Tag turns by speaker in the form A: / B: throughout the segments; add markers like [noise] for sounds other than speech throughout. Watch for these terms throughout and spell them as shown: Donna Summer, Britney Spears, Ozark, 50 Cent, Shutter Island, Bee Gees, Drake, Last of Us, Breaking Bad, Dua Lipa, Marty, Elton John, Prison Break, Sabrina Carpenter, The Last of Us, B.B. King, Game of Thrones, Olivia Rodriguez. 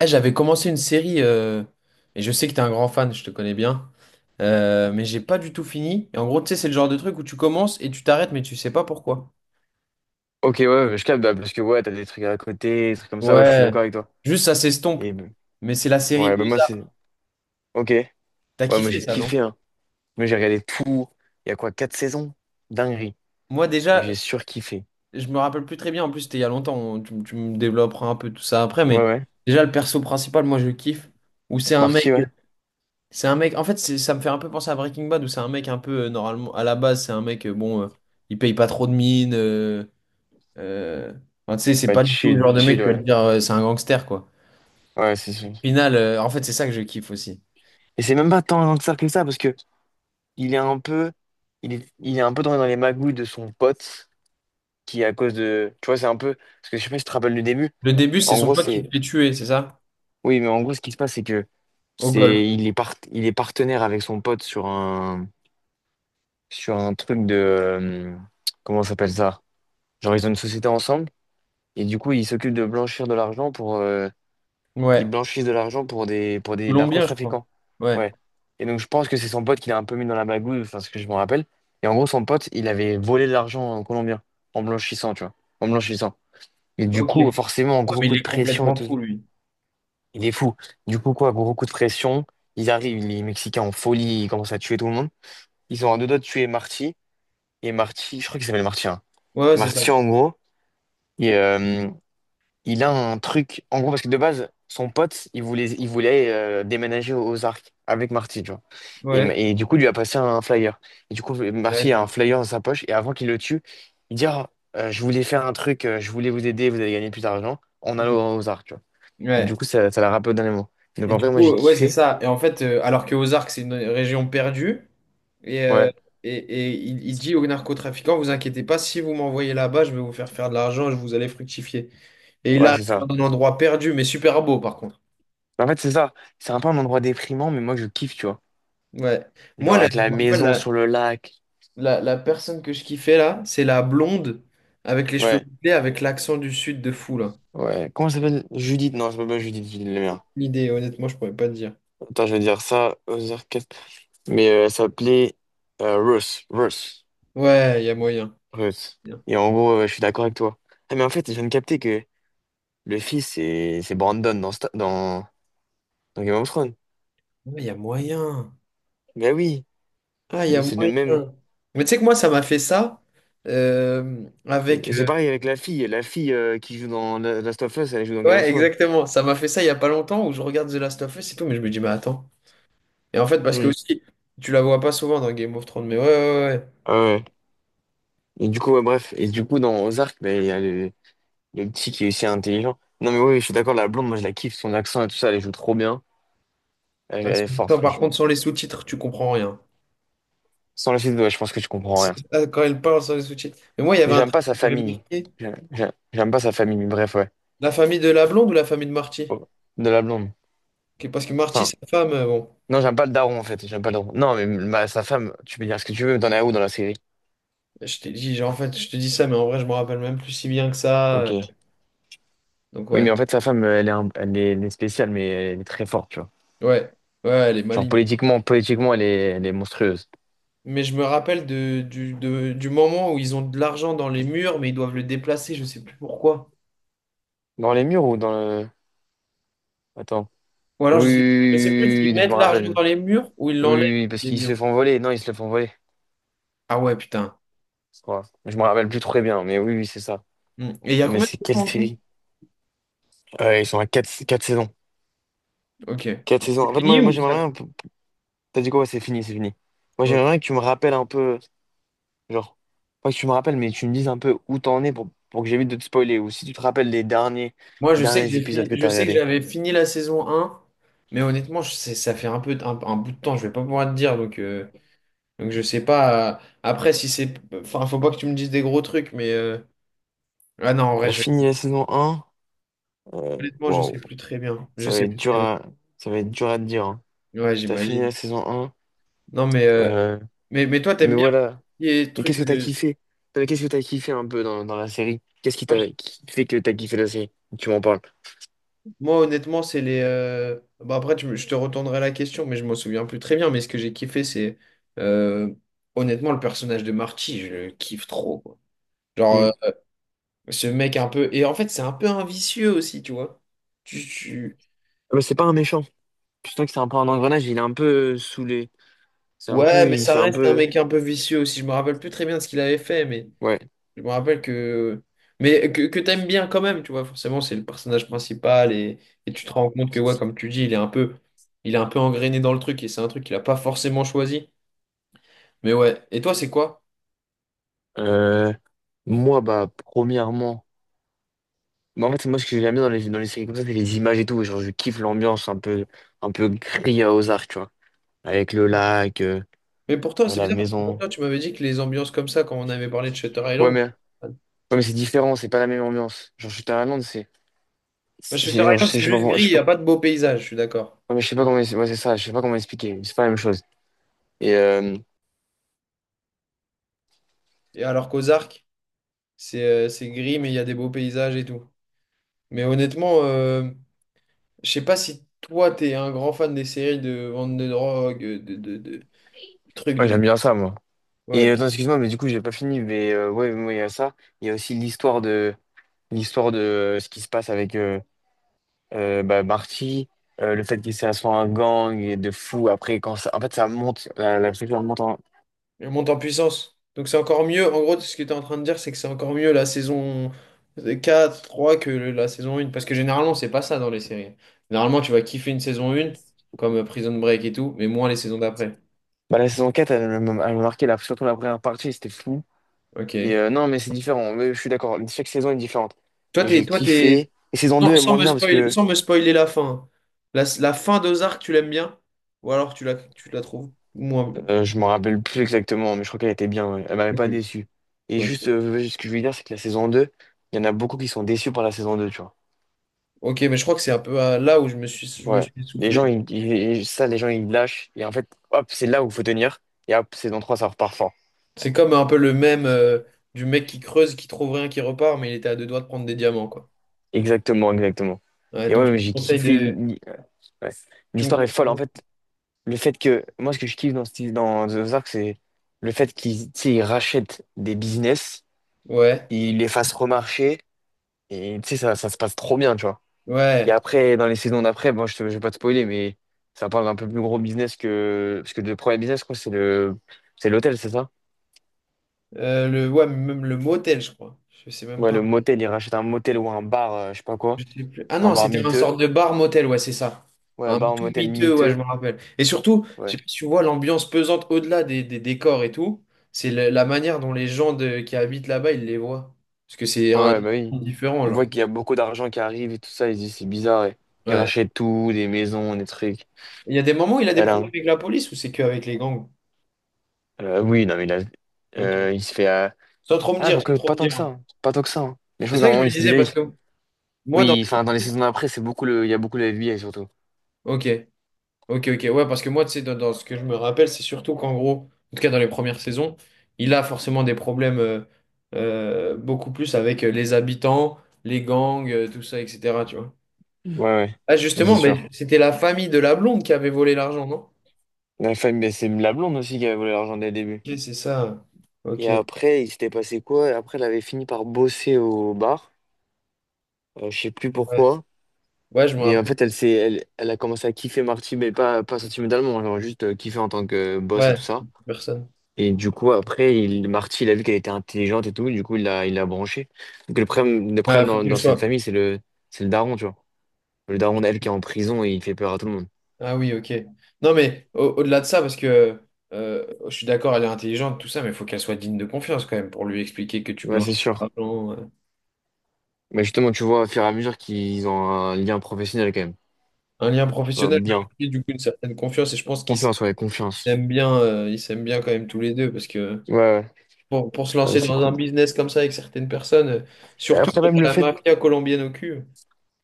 A: Eh, j'avais commencé une série, et je sais que t'es un grand fan, je te connais bien, mais j'ai pas du tout fini. Et en gros, tu sais, c'est le genre de truc où tu commences et tu t'arrêtes, mais tu sais pas pourquoi.
B: Ok, ouais, ouais, je capte, bah, parce que ouais, t'as des trucs à côté, des trucs comme ça, ouais, je suis
A: Ouais,
B: d'accord avec toi.
A: juste ça s'estompe.
B: Et bah,
A: Mais c'est la série
B: ouais, bah moi c'est.
A: Ozark.
B: Ok. Ouais,
A: T'as
B: moi
A: kiffé
B: j'ai
A: ça,
B: kiffé,
A: non?
B: hein. Moi j'ai regardé tout. Il y a quoi, 4 saisons? Dinguerie.
A: Moi, déjà,
B: J'ai surkiffé.
A: je me rappelle plus très bien. En plus, c'était il y a longtemps. Tu me développeras un peu tout ça après,
B: Ouais,
A: mais
B: ouais.
A: déjà, le perso principal, moi, je kiffe. Où c'est un mec.
B: Marty, ouais.
A: C'est un mec. En fait, ça me fait un peu penser à Breaking Bad, où c'est un mec un peu, normalement, à la base, c'est un mec, bon, il paye pas trop de mine. Euh, enfin, tu sais, c'est
B: Ouais,
A: pas du tout le
B: chill,
A: genre de mec
B: chill,
A: qui va te
B: ouais.
A: dire c'est un gangster, quoi.
B: Ouais, c'est sûr.
A: Au final, en fait, c'est ça que je kiffe aussi.
B: Et c'est même pas tant que ça, parce que il est un peu. Il est un peu dans les magouilles de son pote, qui à cause de. Tu vois, c'est un peu. Parce que je sais pas si tu te rappelles du début.
A: Le début, c'est
B: En
A: son
B: gros,
A: pote qui se
B: c'est.
A: fait tuer, c'est ça?
B: Oui, mais en gros, ce qui se passe, c'est que
A: Au golf.
B: c'est il est part, il est partenaire avec son pote sur un truc de comment ça s'appelle ça? Genre ils ont une société ensemble et du coup ils s'occupent de blanchir de l'argent pour, ils
A: Ouais.
B: blanchissent de l'argent pour des
A: Colombien, je crois.
B: narcotrafiquants.
A: Ouais.
B: Ouais. Et donc je pense que c'est son pote qui l'a un peu mis dans la bagouille, enfin ce que je me rappelle. Et en gros son pote il avait volé de l'argent en colombien en blanchissant, tu vois, en blanchissant. Et du
A: Ok. Ouais,
B: coup forcément gros
A: mais il
B: coup de
A: est
B: pression et
A: complètement fou,
B: tout.
A: lui.
B: Il est fou. Du coup, quoi, gros coup de pression. Ils arrivent, les Mexicains en folie, ils commencent à tuer tout le monde. Ils sont à deux doigts de tuer Marty. Et Marty, je crois qu'il s'appelle Marty, hein.
A: Ouais, ouais,
B: Et
A: c'est ça.
B: Marty, en gros, il, euh, il a un truc. En gros, parce que de base, son pote, il voulait déménager aux Arcs avec Marty, tu vois.
A: Ouais.
B: Et du coup, il lui a passé un flyer. Et du coup,
A: Ouais.
B: Marty a un flyer dans sa poche. Et avant qu'il le tue, il dit, Ah, je voulais faire un truc, je voulais vous aider, vous allez gagner plus d'argent en
A: Mhm.
B: allant aux Arcs, tu vois. Et du
A: Ouais.
B: coup, ça l'a rappelé au dernier moment. Donc,
A: Et
B: en
A: du
B: vrai, moi,
A: coup,
B: j'ai
A: ouais, c'est
B: kiffé.
A: ça. Et en fait, alors que Ozark, c'est une région perdue, Et, euh,
B: Ouais,
A: et il dit aux narcotrafiquants, vous inquiétez pas, si vous m'envoyez là-bas, je vais vous faire faire de l'argent, je vous allez fructifier. Et il
B: ouais,
A: arrive
B: c'est ça.
A: dans un endroit perdu, mais super beau par contre.
B: En fait, c'est ça. C'est un peu un endroit déprimant, mais moi, je kiffe, tu vois.
A: Ouais. Moi,
B: Genre avec la maison sur
A: la,
B: le lac.
A: la personne que je kiffais là, c'est la blonde avec les cheveux
B: Ouais,
A: bouclés, avec l'accent du sud de fou là.
B: ouais. Comment ça s'appelle? Judith. Non, je pas Judith, Judith le mien.
A: L'idée, honnêtement, je pourrais pas te dire.
B: Attends, je vais dire ça aux orchestres. Elle s'appelait Ruth. Ruth.
A: Ouais, il y a moyen.
B: Ruth.
A: Bien.
B: Et en gros, je suis d'accord avec toi. Ah, mais en fait, je viens de capter que le fils, c'est Brandon dans Game of Thrones.
A: Ouais, il y a moyen.
B: Ben oui,
A: Ah, il y
B: mais
A: a
B: c'est le même.
A: moyen. Mais tu sais que moi, ça m'a fait ça
B: Et
A: avec.
B: et c'est pareil avec la fille. La fille qui joue dans Last of Us, elle joue dans Game of
A: Ouais,
B: Thrones.
A: exactement. Ça m'a fait ça il y a pas longtemps où je regarde The Last of Us et tout, mais je me dis, mais attends. Et en fait, parce que
B: Hmm.
A: aussi, tu la vois pas souvent dans Game of Thrones, mais ouais, ouais, ouais.
B: Ah ouais. Et du coup, ouais, bref. Et du coup, dans Ozark, ben, il y a le petit qui est aussi intelligent. Non, mais oui, je suis d'accord, la blonde, moi, je la kiffe, son accent et tout ça, elle joue trop bien. Elle,
A: Ouais,
B: elle est forte,
A: putain, par contre,
B: franchement.
A: sans les sous-titres, tu comprends rien.
B: Sans la suite, ouais, je pense que tu comprends rien.
A: [laughs] Ah, quand elle parle sans les sous-titres. Mais moi, il y
B: Mais
A: avait un
B: j'aime
A: truc
B: pas sa
A: qui m'avait
B: famille.
A: marqué.
B: J'aime pas sa famille, mais bref, ouais.
A: La famille de la blonde ou la famille de Marty?
B: Oh, de la blonde.
A: Parce que Marty,
B: Enfin,
A: sa femme, bon,
B: non, j'aime pas le daron, en fait. J'aime pas le daron. Non, mais sa femme, tu peux dire ce que tu veux, t'en es où dans la série?
A: je t'ai dit, genre, en fait, je te dis ça, mais en vrai, je me rappelle même plus si bien que ça.
B: Ok.
A: Donc,
B: Oui,
A: ouais.
B: mais en fait, sa femme, elle est spéciale, mais elle est très forte, tu vois.
A: Ouais. Ouais, elle est
B: Genre,
A: maligne.
B: politiquement, politiquement, elle est monstrueuse.
A: Mais je me rappelle du moment où ils ont de l'argent dans les murs, mais ils doivent le déplacer, je sais plus pourquoi.
B: Dans les murs ou dans le. Attends.
A: Ou
B: Oui,
A: alors
B: oui,
A: je sais plus
B: oui, oui,
A: s'ils
B: oui, je
A: mettent
B: me
A: l'argent
B: rappelle.
A: dans les murs ou ils
B: Oui,
A: l'enlèvent
B: oui, oui, parce
A: des
B: qu'ils se
A: murs.
B: font voler. Non, ils se le font voler.
A: Ah ouais, putain.
B: Je crois. Je me rappelle plus très bien, mais oui, oui, c'est ça.
A: Hmm. Et il y a
B: Non, mais
A: combien de
B: c'est quelle
A: temps en tout?
B: série? Ils sont à quatre saisons.
A: Ok.
B: 4 saisons.
A: C'est
B: En fait,
A: fini
B: moi,
A: ou
B: j'aimerais
A: ça?
B: bien. T'as dit quoi? Ouais, c'est fini, c'est fini. Moi,
A: Ok.
B: j'aimerais bien que tu me rappelles un peu. Genre, pas que tu me rappelles, mais tu me dises un peu où t'en es pour, que j'évite de te spoiler. Ou si tu te rappelles les
A: Moi, je sais que
B: derniers
A: j'ai
B: épisodes
A: fini,
B: que
A: je
B: t'as
A: sais que
B: regardés.
A: j'avais fini la saison un. Mais honnêtement, ça fait un peu un bout de temps, je vais pas pouvoir te dire, donc, donc je sais pas. Après, si c'est. Enfin, faut pas que tu me dises des gros trucs, mais. Ah non, en vrai,
B: T'as fini la saison 1. Euh,
A: honnêtement, je sais
B: wow.
A: plus très bien. Je
B: Ça va
A: sais
B: être
A: plus
B: dur
A: très bien.
B: à, ça va être dur à te dire, hein.
A: Ouais,
B: T'as fini la
A: j'imagine.
B: saison un.
A: Non, mais, euh,
B: Euh,
A: mais, mais toi,
B: mais
A: t'aimes bien
B: voilà.
A: les
B: Mais
A: trucs
B: qu'est-ce que t'as
A: de.
B: kiffé? Non, mais qu'est-ce que t'as kiffé un peu dans la série? Qu'est-ce
A: Moi, je-
B: qui fait que t'as kiffé la série? Tu m'en parles.
A: moi, honnêtement, c'est les. Bah, après, je te retournerai la question, mais je m'en souviens plus très bien. Mais ce que j'ai kiffé, c'est. euh, Honnêtement, le personnage de Marty, je le kiffe trop, quoi. Genre,
B: Mm.
A: ce mec un peu. Et en fait, c'est un peu un vicieux aussi, tu vois. Tu, tu-
B: Ah bah, c'est pas un méchant. Je sens que c'est un peu un engrenage, il est un peu saoulé. C'est un
A: Ouais,
B: peu,
A: mais
B: il
A: ça
B: fait un
A: reste un
B: peu.
A: mec un peu vicieux aussi. Je me rappelle plus très bien de ce qu'il avait fait, mais.
B: Ouais.
A: Je me rappelle que. Mais que t'aimes bien quand même, tu vois, forcément, c'est le personnage principal et tu te rends compte que, ouais, comme tu dis, il est un peu engrainé dans le truc et c'est un truc qu'il a pas forcément choisi. Mais ouais. Et toi, c'est quoi?
B: Euh, moi, bah, premièrement. Bah, en fait, moi, ce que j'aime bien dans les séries comme ça, c'est les images et tout. Genre, je kiffe l'ambiance un peu gris à Ozark, tu vois. Avec le lac,
A: Mais pour toi, c'est
B: la
A: bizarre, parce que pour
B: maison.
A: toi, tu m'avais dit que les ambiances comme ça, quand on avait parlé de Shutter
B: Ouais,
A: Island,
B: mais,
A: t'es
B: ouais,
A: pas fan.
B: mais c'est différent, c'est pas la même ambiance. Genre, je suis à Londres,
A: Moi, Shutter
B: genre,
A: Island, c'est
B: je sais pas,
A: juste gris,
B: je
A: il
B: sais
A: n'y
B: pas.
A: a pas de beaux paysages, je suis d'accord.
B: Ouais, mais je sais pas comment, ouais, c'est ça, je sais pas comment expliquer, mais c'est pas la même chose. Et euh,
A: Et alors qu'Ozark, c'est gris, mais il y a des beaux paysages et tout. Mais honnêtement, je sais pas si toi, t'es un grand fan des séries de vente de drogue, truc
B: ouais,
A: de...
B: j'aime bien ça, moi. Et euh,
A: Ouais,
B: attends, excuse-moi, mais du coup, j'ai pas fini, mais ouais, moi, il y a ça. Il y a aussi l'histoire de ce qui se passe avec bah, Marty, le fait qu'il s'est assis à un gang et de fou après quand ça en fait ça monte, la structure monte en.
A: elle monte en puissance. Donc c'est encore mieux. En gros, ce que tu es en train de dire, c'est que c'est encore mieux la saison 4 3 que la saison 1. Parce que généralement, c'est pas ça dans les séries. Généralement, tu vas kiffer une saison 1, comme Prison Break et tout, mais moins les saisons d'après.
B: Bah, la saison 4 elle m'a marqué surtout la première partie, c'était fou. Et
A: Ok.
B: euh, non, mais c'est différent, mais je suis d'accord. Chaque saison est différente.
A: Toi,
B: Mais
A: t'es,
B: j'ai
A: toi, t'es...
B: kiffé. Et saison 2
A: Sans,
B: est
A: sans
B: moins
A: me
B: bien parce
A: spoil-
B: que.
A: sans me spoiler la fin. Hein. La fin d'Ozark, tu l'aimes bien? Ou alors tu la trouves moins...
B: Je m'en rappelle plus exactement, mais je crois qu'elle était bien, ouais. Elle m'avait
A: Ok.
B: pas déçu. Et juste,
A: Ok.
B: ouais, ce que je voulais dire, c'est que la saison 2 il y en a beaucoup qui sont déçus par la saison 2 tu vois.
A: Ok, mais je crois que c'est un peu là où je me suis, je me
B: Ouais.
A: suis
B: Les
A: soufflé.
B: gens, ça, les gens, ils lâchent. Et en fait, hop, c'est là où il faut tenir. Et hop, saison 3 ça repart fort.
A: C'est comme un peu le même du mec qui creuse, qui trouve rien, qui repart, mais il était à deux doigts de prendre des diamants, quoi.
B: Exactement, exactement.
A: Ouais,
B: Et
A: donc
B: ouais,
A: je te
B: mais j'ai
A: conseille
B: kiffé.
A: de.
B: Ouais.
A: Tu me
B: L'histoire est
A: conseilles
B: folle. En
A: ça.
B: fait, le fait que. Moi, ce que je kiffe dans, dans The Ozark, c'est le fait qu'ils, tu sais, ils rachètent des business,
A: Ouais,
B: ils les fassent remarcher. Et tu sais, ça se passe trop bien, tu vois. Et
A: ouais.
B: après, dans les saisons d'après, bon, je vais pas te spoiler, mais ça parle d'un peu plus gros business que. Parce que le premier business, je crois, c'est l'hôtel, c'est ça?
A: Ouais, mais même le motel, je crois. Je sais même
B: Ouais,
A: pas.
B: le motel, il rachète un motel ou un bar, je sais pas quoi.
A: Je sais plus. Ah
B: Un
A: non,
B: bar
A: c'était un
B: miteux.
A: sorte de bar-motel, ouais, c'est ça.
B: Ouais,
A: Un
B: bar, un
A: tout
B: motel
A: miteux, ouais, je
B: miteux.
A: me rappelle. Et surtout, je sais pas
B: Ouais.
A: si tu vois l'ambiance pesante au-delà des décors et tout. C'est la manière dont les gens qui habitent là-bas, ils les voient. Parce que c'est un
B: Ouais, bah oui.
A: différent,
B: Ils voient
A: genre.
B: qu'il y a beaucoup d'argent qui arrive et tout ça, ils se disent c'est bizarre. Et ils
A: Ouais.
B: rachètent tout, des maisons, des trucs.
A: Il y a des moments où il a des
B: Elle a
A: problèmes
B: un-
A: avec la police ou c'est qu'avec les gangs?
B: oui, non, mais
A: Ok.
B: il se fait.
A: Sans trop me
B: Ah,
A: dire, sans
B: quoique,
A: trop
B: pas
A: me
B: tant que ça,
A: dire.
B: hein. Pas tant que ça, hein. Mais je
A: C'est
B: crois qu'à
A: ça
B: un
A: que je
B: moment,
A: me disais
B: déjà,
A: parce que moi, dans.
B: oui, enfin, dans les saisons d'après, il y a beaucoup le FBI surtout.
A: Ok, ok, ok. Ouais, parce que moi, tu sais, dans ce que je me rappelle, c'est surtout qu'en gros, en tout cas dans les premières saisons, il a forcément des problèmes beaucoup plus avec les habitants, les gangs, tout ça, etc. Tu vois.
B: Ouais,
A: Ah,
B: ouais, c'est
A: justement, mais
B: sûr.
A: c'était la famille de la blonde qui avait volé l'argent, non?
B: La femme, mais c'est la blonde aussi qui avait voulu l'argent dès le début.
A: Ok, c'est ça.
B: Et
A: Ok.
B: après, il s'était passé quoi? Après, elle avait fini par bosser au bar. Je sais plus
A: Ouais,
B: pourquoi.
A: ouais, je me
B: Et en
A: rappelle.
B: fait, elle a commencé à kiffer Marty, mais pas, pas sentimentalement, genre juste kiffer en tant que boss et tout
A: Ouais,
B: ça.
A: personne.
B: Et du coup, après, il, Marty, il a vu qu'elle était intelligente et tout, du coup, il l'a branchée. Donc, le
A: Bah,
B: problème
A: faut
B: dans,
A: que je
B: dans cette
A: sois.
B: famille, c'est le daron, tu vois. Le daron, elle, qui est en prison et il fait peur à tout le monde.
A: Ah oui, ok. Non, mais au-delà de ça, parce que je suis d'accord, elle est intelligente, tout ça, mais il faut qu'elle soit digne de confiance quand même pour lui expliquer que tu
B: Ouais,
A: blanchis
B: c'est
A: de
B: sûr.
A: l'argent.
B: Mais justement, tu vois, au fur et à mesure qu'ils ont un lien professionnel quand même.
A: Un lien
B: Euh,
A: professionnel, mais
B: bien.
A: aussi du coup une certaine confiance. Et je pense qu'ils
B: Confiance.
A: s'aiment bien quand même tous les deux, parce que
B: Ouais, ouais.
A: pour se
B: Euh,
A: lancer
B: c'est
A: dans un
B: cool.
A: business comme ça avec certaines personnes, surtout quand
B: Après, même
A: t'as la mafia colombienne au cul.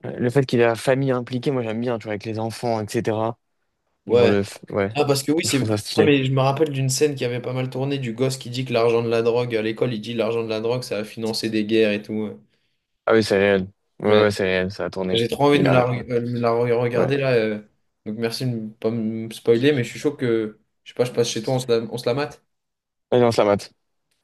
B: le fait qu'il y ait la famille impliquée, moi j'aime bien, tu vois, avec les enfants, etc.
A: Ouais.
B: Ouais.
A: Ah, parce que oui,
B: Je
A: c'est.
B: trouve ça
A: Ah,
B: stylé.
A: mais je me rappelle d'une scène qui avait pas mal tourné du gosse qui dit que l'argent de la drogue, à l'école, il dit l'argent de la drogue, ça a financé des guerres et tout.
B: Ah oui, c'est réel. Ouais, ouais,
A: Ouais.
B: c'est réel, ça a tourné.
A: J'ai trop envie
B: Mais
A: de
B: il
A: me la,
B: a. Ouais.
A: re- euh, me la re-
B: Ouais.
A: regarder là. Donc merci de ne pas me spoiler, mais je suis chaud que, je sais pas, je passe chez toi, on se la mate.
B: Ah non, la mate.